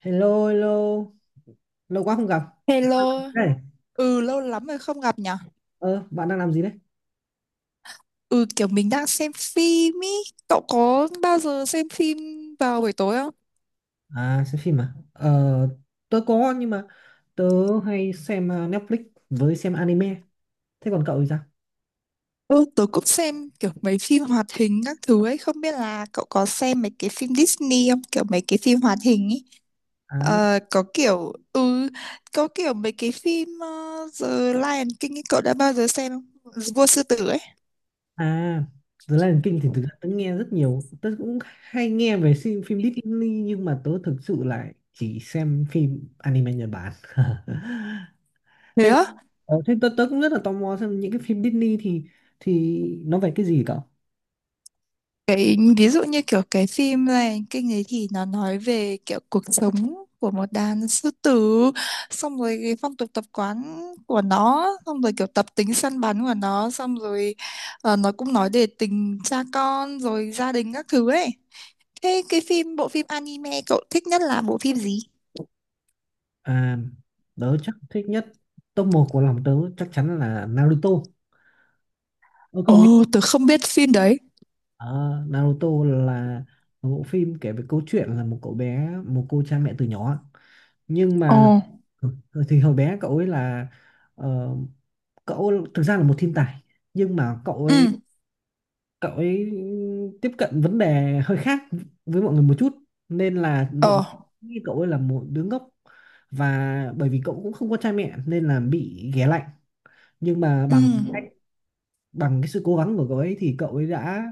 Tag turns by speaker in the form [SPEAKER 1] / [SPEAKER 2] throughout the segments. [SPEAKER 1] Hello, hello. Lâu quá không gặp.
[SPEAKER 2] Hello,
[SPEAKER 1] Hey,
[SPEAKER 2] ừ lâu lắm rồi không gặp nhở?
[SPEAKER 1] Ờ, bạn đang làm gì đấy?
[SPEAKER 2] Ừ kiểu mình đang xem phim ý, cậu có bao giờ xem phim vào buổi tối không?
[SPEAKER 1] À, xem phim à? Ờ, tớ có nhưng mà tớ hay xem Netflix với xem anime. Thế còn cậu thì sao?
[SPEAKER 2] Ừ, tớ cũng xem kiểu mấy phim hoạt hình các thứ ấy, không biết là cậu có xem mấy cái phim Disney không? Kiểu mấy cái phim hoạt hình ý.
[SPEAKER 1] À,
[SPEAKER 2] Ờ, có kiểu mấy cái phim The Lion King ý, cậu đã bao giờ xem không? Vua Sư Tử ấy.
[SPEAKER 1] à, The Lion King thì thực ra tớ nghe rất nhiều. Tớ cũng hay nghe về phim Disney nhưng mà tớ thực sự lại chỉ xem phim anime Nhật Bản.
[SPEAKER 2] Thế
[SPEAKER 1] Thế,
[SPEAKER 2] á?
[SPEAKER 1] ờ, thế tớ, tớ cũng rất là tò mò xem những cái phim Disney thì nó về cái gì cậu?
[SPEAKER 2] Cái ví dụ như kiểu cái phim này kinh ấy thì nó nói về kiểu cuộc sống của một đàn sư tử, xong rồi cái phong tục tập quán của nó, xong rồi kiểu tập tính săn bắn của nó, xong rồi nó cũng nói về tình cha con rồi gia đình các thứ ấy. Thế cái phim bộ phim anime cậu thích nhất là bộ phim gì?
[SPEAKER 1] À, tớ chắc thích nhất top 1 của lòng tớ chắc chắn là Naruto. Ờ, cậu nghe.
[SPEAKER 2] Ồ, tớ không biết phim đấy.
[SPEAKER 1] Ờ, Naruto là một bộ phim kể về câu chuyện là một cậu bé một cô cha mẹ từ nhỏ, nhưng
[SPEAKER 2] Ồ,
[SPEAKER 1] mà ừ, thì hồi bé cậu ấy là, ờ, cậu thực ra là một thiên tài, nhưng mà
[SPEAKER 2] ừ,
[SPEAKER 1] cậu ấy tiếp cận vấn đề hơi khác với mọi người một chút, nên là mọi
[SPEAKER 2] ờ,
[SPEAKER 1] người nghĩ cậu ấy là một đứa ngốc, và bởi vì cậu cũng không có cha mẹ nên là bị ghẻ lạnh, nhưng mà
[SPEAKER 2] ừ,
[SPEAKER 1] bằng bằng cái sự cố gắng của cậu ấy thì cậu ấy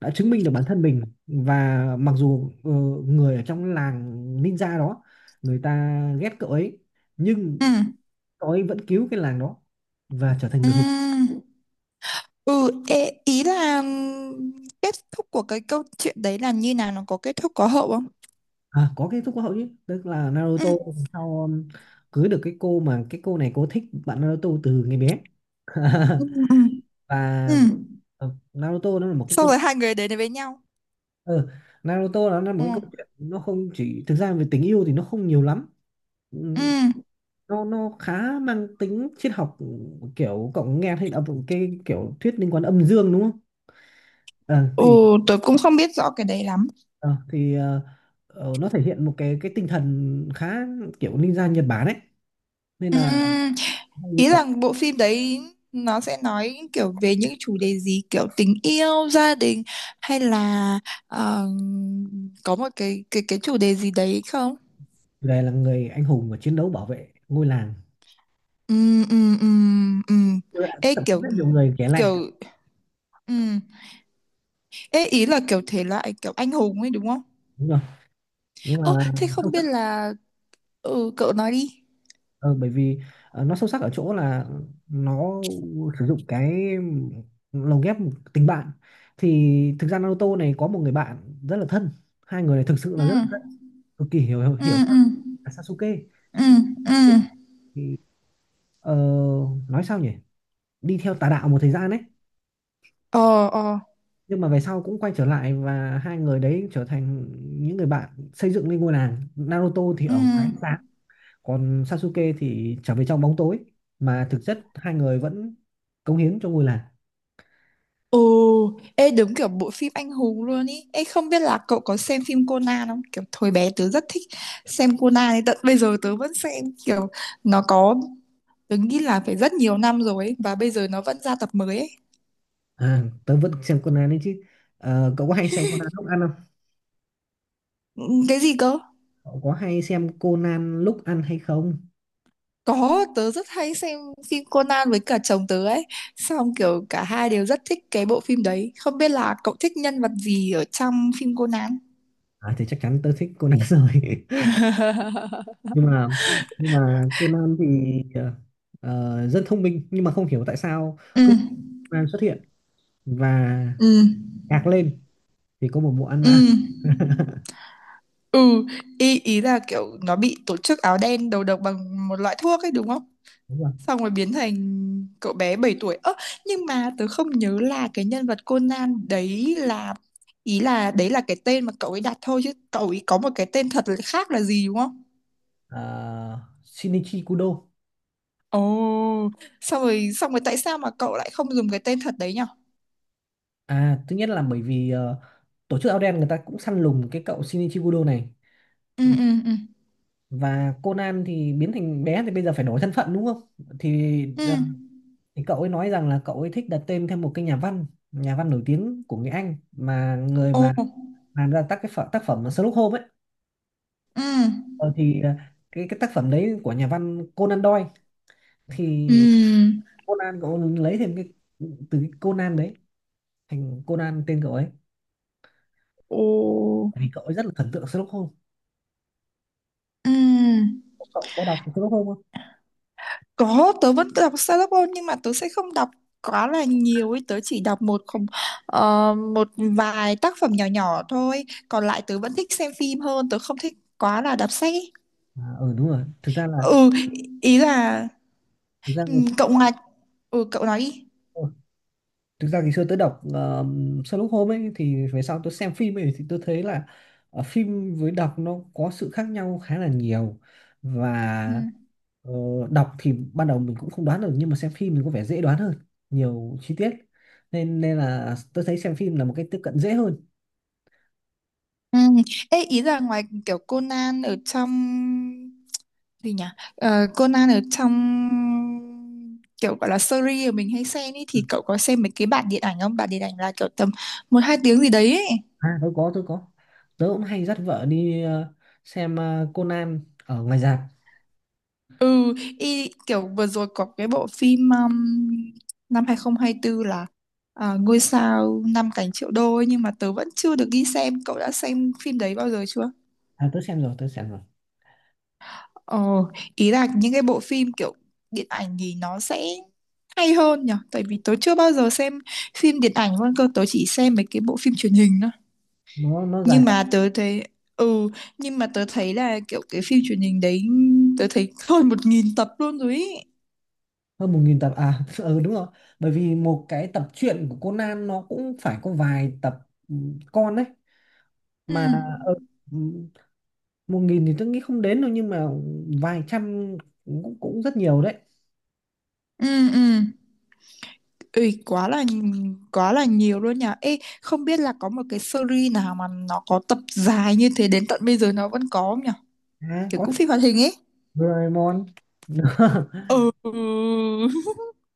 [SPEAKER 1] đã chứng minh được bản thân mình, và mặc dù người ở trong làng ninja đó người ta ghét cậu ấy, nhưng
[SPEAKER 2] ừ,
[SPEAKER 1] cậu ấy vẫn cứu cái làng đó và trở thành
[SPEAKER 2] ừ.
[SPEAKER 1] người hùng.
[SPEAKER 2] Ừ, ê, ý là kết thúc của cái câu chuyện đấy là như nào, nó có kết thúc có hậu không?
[SPEAKER 1] À, có kết thúc hậu chứ, tức là
[SPEAKER 2] Ừ,
[SPEAKER 1] Naruto sau cưới được cái cô mà cái cô này cô thích bạn Naruto từ ngày bé.
[SPEAKER 2] ừ, ừ, ừ.
[SPEAKER 1] Và ờ, Naruto nó là một cái
[SPEAKER 2] Xong
[SPEAKER 1] câu
[SPEAKER 2] rồi hai người đến với nhau.
[SPEAKER 1] ừ, Naruto nó là một
[SPEAKER 2] Ừ,
[SPEAKER 1] cái câu chuyện, nó không chỉ thực ra về tình yêu thì nó không nhiều lắm.
[SPEAKER 2] ừ.
[SPEAKER 1] Ừ, nó khá mang tính triết học, kiểu cậu nghe thấy là một cái kiểu thuyết liên quan âm dương đúng không. Ờ,
[SPEAKER 2] Ừ,
[SPEAKER 1] thì
[SPEAKER 2] tớ cũng không biết rõ cái đấy lắm.
[SPEAKER 1] ờ, thì ờ, nó thể hiện một cái tinh thần khá kiểu ninja Nhật Bản ấy, nên
[SPEAKER 2] Ừ,
[SPEAKER 1] là hay
[SPEAKER 2] ý
[SPEAKER 1] là
[SPEAKER 2] là bộ phim đấy nó sẽ nói kiểu về những chủ đề gì, kiểu tình yêu, gia đình hay là ờ, có một cái chủ đề gì đấy không?
[SPEAKER 1] chủ đề là người anh hùng và chiến đấu bảo vệ ngôi làng.
[SPEAKER 2] Ừ, ừ, ừ, ừ.
[SPEAKER 1] Tôi đã
[SPEAKER 2] Ê
[SPEAKER 1] tập
[SPEAKER 2] kiểu
[SPEAKER 1] rất nhiều người kể lạnh.
[SPEAKER 2] kiểu ừ. Ê, ý là kiểu thể loại kiểu anh hùng ấy đúng không?
[SPEAKER 1] Đúng rồi, nhưng mà
[SPEAKER 2] Ơ, thế không
[SPEAKER 1] không.
[SPEAKER 2] biết là... Ừ, cậu nói đi.
[SPEAKER 1] Ờ, bởi vì nó sâu sắc ở chỗ là nó sử dụng cái lồng ghép tình bạn. Thì thực ra Naruto này có một người bạn rất là thân, hai người này thực sự
[SPEAKER 2] Ừ,
[SPEAKER 1] là rất là thân, cực kỳ hiểu hiểu,
[SPEAKER 2] ừ,
[SPEAKER 1] hiểu
[SPEAKER 2] ừ,
[SPEAKER 1] là Sasuke.
[SPEAKER 2] ừ, ừ.
[SPEAKER 1] Thì ờ, nói sao nhỉ, đi theo tà đạo một thời gian đấy,
[SPEAKER 2] Ờ, ờ.
[SPEAKER 1] nhưng mà về sau cũng quay trở lại và hai người đấy trở thành những người bạn xây dựng lên ngôi làng. Naruto thì
[SPEAKER 2] Ừ.
[SPEAKER 1] ở ngoài ánh sáng, còn Sasuke thì trở về trong bóng tối, mà thực chất hai người vẫn cống hiến cho ngôi làng.
[SPEAKER 2] Ừ, ê đúng kiểu bộ phim anh hùng luôn ý. Ê không biết là cậu có xem phim Conan không? Kiểu thời bé tớ rất thích xem Conan ấy. Tận bây giờ tớ vẫn xem, kiểu nó có, tớ nghĩ là phải rất nhiều năm rồi ấy. Và bây giờ nó vẫn ra tập mới ấy.
[SPEAKER 1] À, tớ vẫn xem Conan đấy chứ. Ờ, cậu có hay xem Conan lúc ăn không?
[SPEAKER 2] Ừ, cái gì cơ?
[SPEAKER 1] Cậu có hay xem Conan lúc ăn hay không?
[SPEAKER 2] Có, tớ rất hay xem phim Conan với cả chồng tớ ấy. Xong kiểu cả hai đều rất thích cái bộ phim đấy. Không biết là cậu thích nhân vật gì ở trong phim Conan?
[SPEAKER 1] À thì chắc chắn tớ thích Conan rồi, nhưng mà nhưng mà Conan thì ờ, rất thông minh nhưng mà không hiểu tại sao
[SPEAKER 2] Ừ,
[SPEAKER 1] cứ Conan xuất hiện và
[SPEAKER 2] ừ,
[SPEAKER 1] gạc lên thì có một bộ ăn
[SPEAKER 2] ừ,
[SPEAKER 1] mã.
[SPEAKER 2] ừ. Ý là kiểu nó bị tổ chức áo đen đầu độc bằng một loại thuốc ấy đúng không?
[SPEAKER 1] Đúng rồi.
[SPEAKER 2] Xong rồi biến thành cậu bé 7 tuổi. Ơ, nhưng mà tớ không nhớ là cái nhân vật Conan đấy là... Ý là đấy là cái tên mà cậu ấy đặt thôi, chứ cậu ấy có một cái tên thật là khác là gì đúng không?
[SPEAKER 1] Ờ, Shinichi Kudo.
[SPEAKER 2] Ồ, xong rồi tại sao mà cậu lại không dùng cái tên thật đấy nhở?
[SPEAKER 1] À, thứ nhất là bởi vì tổ chức Áo Đen người ta cũng săn lùng cái cậu Shinichi Kudo này,
[SPEAKER 2] Ừ, ừ, ừ,
[SPEAKER 1] và Conan thì biến thành bé thì bây giờ phải đổi thân phận đúng không? Thì
[SPEAKER 2] ừ.
[SPEAKER 1] thì cậu ấy nói rằng là cậu ấy thích đặt tên theo một cái nhà văn nổi tiếng của người Anh, mà người
[SPEAKER 2] Ồ,
[SPEAKER 1] mà làm ra tác phẩm Sherlock Holmes ấy.
[SPEAKER 2] ừ,
[SPEAKER 1] Ờ, thì ờ, cái tác phẩm đấy của nhà văn Conan Doyle, thì
[SPEAKER 2] ừ,
[SPEAKER 1] Conan cậu lấy thêm cái từ cái Conan đấy thành Conan tên cậu ấy.
[SPEAKER 2] ồ,
[SPEAKER 1] Tại vì cậu ấy rất là thần tượng Sherlock Holmes.
[SPEAKER 2] ừ.
[SPEAKER 1] Cậu có đọc Sherlock Holmes không?
[SPEAKER 2] Có, tớ vẫn đọc Sherlock nhưng mà tớ sẽ không đọc quá là nhiều ấy, tớ chỉ đọc một không một vài tác phẩm nhỏ nhỏ thôi, còn lại tớ vẫn thích xem phim hơn, tớ không thích quá là đọc sách ấy.
[SPEAKER 1] À, ừ đúng rồi, thực ra là
[SPEAKER 2] Ừ, ý là
[SPEAKER 1] thực ra
[SPEAKER 2] ừ,
[SPEAKER 1] ngày
[SPEAKER 2] cậu
[SPEAKER 1] xưa,
[SPEAKER 2] ngoài cậu nói đi.
[SPEAKER 1] thực ra ngày xưa tớ đọc Sherlock Holmes ấy, thì về sau tớ xem phim ấy thì tớ thấy là phim với đọc nó có sự khác nhau khá là nhiều.
[SPEAKER 2] Ừ.
[SPEAKER 1] Và ờ, đọc thì ban đầu mình cũng không đoán được, nhưng mà xem phim thì có vẻ dễ đoán hơn, nhiều chi tiết, nên nên là tớ thấy xem phim là một cái tiếp cận dễ hơn.
[SPEAKER 2] Ừ. Ê, ý là ngoài kiểu Conan ở trong, gì nhỉ? Ờ, Conan ở trong kiểu gọi là series mà mình hay xem ý, thì cậu có xem mấy cái bản điện ảnh không? Bản điện ảnh là kiểu tầm một hai tiếng gì đấy ấy.
[SPEAKER 1] À tớ có tớ cũng hay dắt vợ đi xem Conan ở ngoài rạp.
[SPEAKER 2] Ừ, y, kiểu vừa rồi có cái bộ phim năm 2024 là à, Ngôi sao năm cánh triệu đô ấy, nhưng mà tớ vẫn chưa được đi xem. Cậu đã xem phim đấy bao giờ chưa?
[SPEAKER 1] À, tớ xem rồi.
[SPEAKER 2] Ồ, ý là những cái bộ phim kiểu điện ảnh thì nó sẽ hay hơn nhở, tại vì tớ chưa bao giờ xem phim điện ảnh luôn cơ, tớ chỉ xem mấy cái bộ phim truyền hình thôi,
[SPEAKER 1] Nó dài
[SPEAKER 2] nhưng mà tớ thấy ừ nhưng mà tớ thấy là kiểu cái phim truyền hình đấy tớ thấy hơn 1.000 tập luôn rồi ý.
[SPEAKER 1] hơn 1.000 tập à. Ừ đúng rồi, bởi vì một cái tập truyện của Conan nó cũng phải có vài tập, ừ, con đấy
[SPEAKER 2] Ừ,
[SPEAKER 1] mà. ừ, ừ, Một nghìn thì tôi nghĩ không đến đâu, nhưng mà vài trăm cũng cũng rất nhiều đấy.
[SPEAKER 2] ừ, ừ. Ui, quá là nhiều luôn nhỉ. Ê không biết là có một cái series nào mà nó có tập dài như thế đến tận bây giờ nó vẫn có không nhỉ,
[SPEAKER 1] À
[SPEAKER 2] kiểu
[SPEAKER 1] có,
[SPEAKER 2] cũng phim hoạt hình ấy.
[SPEAKER 1] Doraemon.
[SPEAKER 2] Ừ.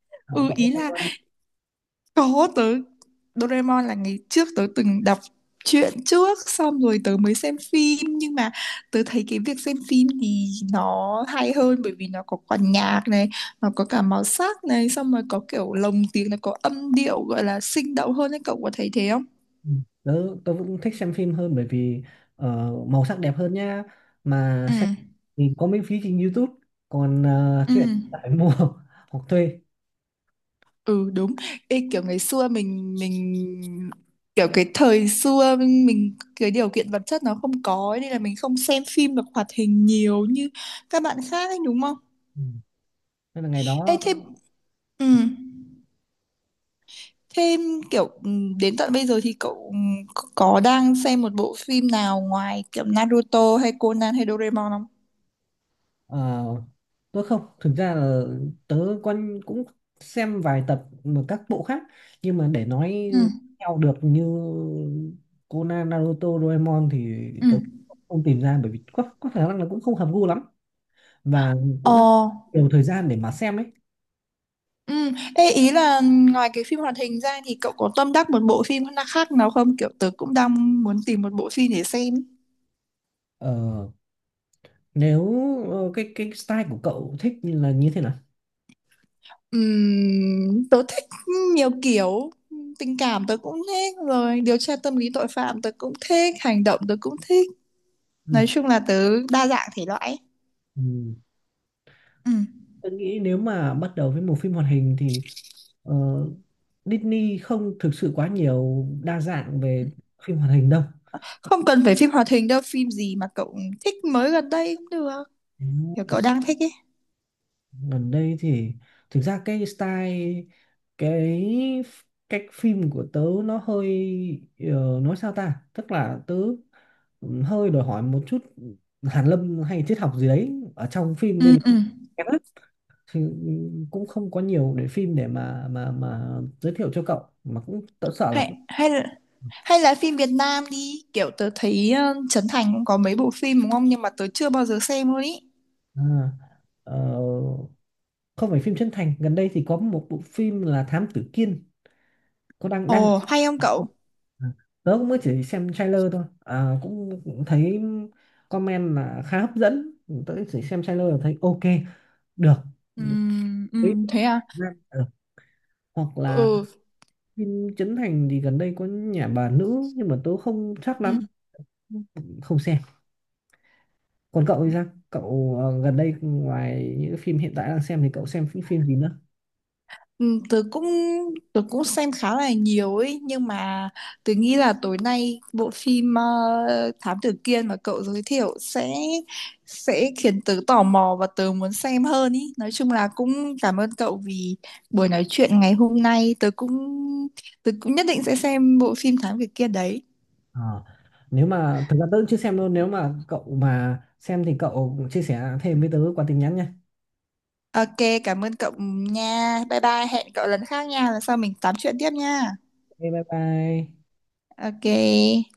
[SPEAKER 1] cậu
[SPEAKER 2] Ừ,
[SPEAKER 1] Cậu có
[SPEAKER 2] ý
[SPEAKER 1] xem
[SPEAKER 2] là
[SPEAKER 1] không?
[SPEAKER 2] có tớ. Doraemon là ngày trước tớ từng đọc truyện trước, xong rồi tớ mới xem phim, nhưng mà tớ thấy cái việc xem phim thì nó hay hơn bởi vì nó có quả nhạc này, nó có cả màu sắc này, xong rồi có kiểu lồng tiếng, nó có âm điệu gọi là sinh động hơn ấy, cậu có thấy thế không?
[SPEAKER 1] Ừ, Tớ, tớ cũng thích xem phim hơn, bởi vì ờ, màu sắc đẹp hơn nha, mà
[SPEAKER 2] Ừ.
[SPEAKER 1] xem thì có miễn phí trên YouTube, còn
[SPEAKER 2] Ừ.
[SPEAKER 1] chuyện phải mua hoặc thuê.
[SPEAKER 2] Ừ, đúng. Ê, kiểu ngày xưa mình kiểu cái thời xưa mình cái điều kiện vật chất nó không có ấy, nên là mình không xem phim được hoạt hình nhiều như các bạn khác ấy đúng không?
[SPEAKER 1] Ừ, nên là ngày
[SPEAKER 2] Ê,
[SPEAKER 1] đó.
[SPEAKER 2] thế ừ. Thế kiểu đến tận bây giờ thì cậu có đang xem một bộ phim nào ngoài kiểu Naruto hay Conan hay Doraemon không?
[SPEAKER 1] Ờ, tôi không, thực ra là tớ quan cũng xem vài tập mà các bộ khác, nhưng mà để nói
[SPEAKER 2] Ừ.
[SPEAKER 1] theo được như Conan Naruto Doraemon thì
[SPEAKER 2] Ừ.
[SPEAKER 1] tớ không tìm ra, bởi vì có khả năng là cũng không hợp gu lắm, và
[SPEAKER 2] Ờ.
[SPEAKER 1] cũng nhiều thời gian để mà xem ấy.
[SPEAKER 2] Ừ. Ê, ý là ngoài cái phim hoạt hình ra thì cậu có tâm đắc một bộ phim khác nào không? Kiểu tớ cũng đang muốn tìm một bộ phim để xem.
[SPEAKER 1] ờ, Nếu cái style của cậu thích là như thế nào.
[SPEAKER 2] Tớ thích nhiều kiểu, tình cảm tớ cũng thích, rồi điều tra tâm lý tội phạm tớ cũng thích, hành động tớ cũng thích,
[SPEAKER 1] Ừ.
[SPEAKER 2] nói chung là tớ đa dạng thể loại ấy.
[SPEAKER 1] Ừ.
[SPEAKER 2] Ừ.
[SPEAKER 1] Tôi nghĩ nếu mà bắt đầu với một phim hoạt hình thì ờ, Disney không thực sự quá nhiều đa dạng về phim hoạt hình đâu.
[SPEAKER 2] Không cần phải phim hoạt hình đâu, phim gì mà cậu thích mới gần đây cũng được,
[SPEAKER 1] Ừ,
[SPEAKER 2] kiểu cậu đang thích ấy.
[SPEAKER 1] gần đây thì thực ra cái style cái f- cách phim của tớ nó hơi, nói sao ta? Tức là tớ hơi đòi hỏi một chút hàn lâm hay triết học gì đấy ở trong phim, nên
[SPEAKER 2] Ừ,
[SPEAKER 1] là
[SPEAKER 2] ừ.
[SPEAKER 1] kém lắm. Thì cũng không có nhiều để phim để mà giới thiệu cho cậu, mà cũng tớ sợ là
[SPEAKER 2] hay
[SPEAKER 1] cũng-
[SPEAKER 2] hay là phim Việt Nam đi, kiểu tớ thấy Trấn Thành cũng có mấy bộ phim đúng không, nhưng mà tớ chưa bao giờ xem luôn ý.
[SPEAKER 1] À, ờ, không phải phim chân thành, gần đây thì có một bộ phim là Thám Tử Kiên, có đang đang.
[SPEAKER 2] Ồ, hay không cậu?
[SPEAKER 1] À, tớ cũng mới chỉ xem trailer thôi, à, cũng thấy comment là khá hấp dẫn, tớ chỉ xem trailer là thấy ok được.
[SPEAKER 2] Ừ, ừ.
[SPEAKER 1] Ý,
[SPEAKER 2] Thế à?
[SPEAKER 1] ờ, hoặc là
[SPEAKER 2] Ừ,
[SPEAKER 1] phim Trấn Thành thì gần đây có nhà bà nữ, nhưng mà tớ không chắc
[SPEAKER 2] ừ.
[SPEAKER 1] lắm, không xem. Còn cậu thì sao, cậu gần đây ngoài những phim hiện tại đang xem thì cậu xem những phim gì nữa?
[SPEAKER 2] Ừ, tớ cũng xem khá là nhiều ấy, nhưng mà tớ nghĩ là tối nay bộ phim Thám Tử Kiên mà cậu giới thiệu sẽ khiến tớ tò mò và tớ muốn xem hơn ý. Nói chung là cũng cảm ơn cậu vì buổi nói chuyện ngày hôm nay, tớ cũng nhất định sẽ xem bộ phim Thám Tử Kiên đấy.
[SPEAKER 1] Ờ. Nếu mà thực ra tớ cũng chưa xem luôn, nếu mà cậu mà xem thì cậu chia sẻ thêm với tớ qua tin nhắn nha.
[SPEAKER 2] Ok, cảm ơn cậu nha. Bye bye, hẹn cậu lần khác nha, lần sau mình tám chuyện tiếp nha.
[SPEAKER 1] Ok, bye bye.
[SPEAKER 2] Ok.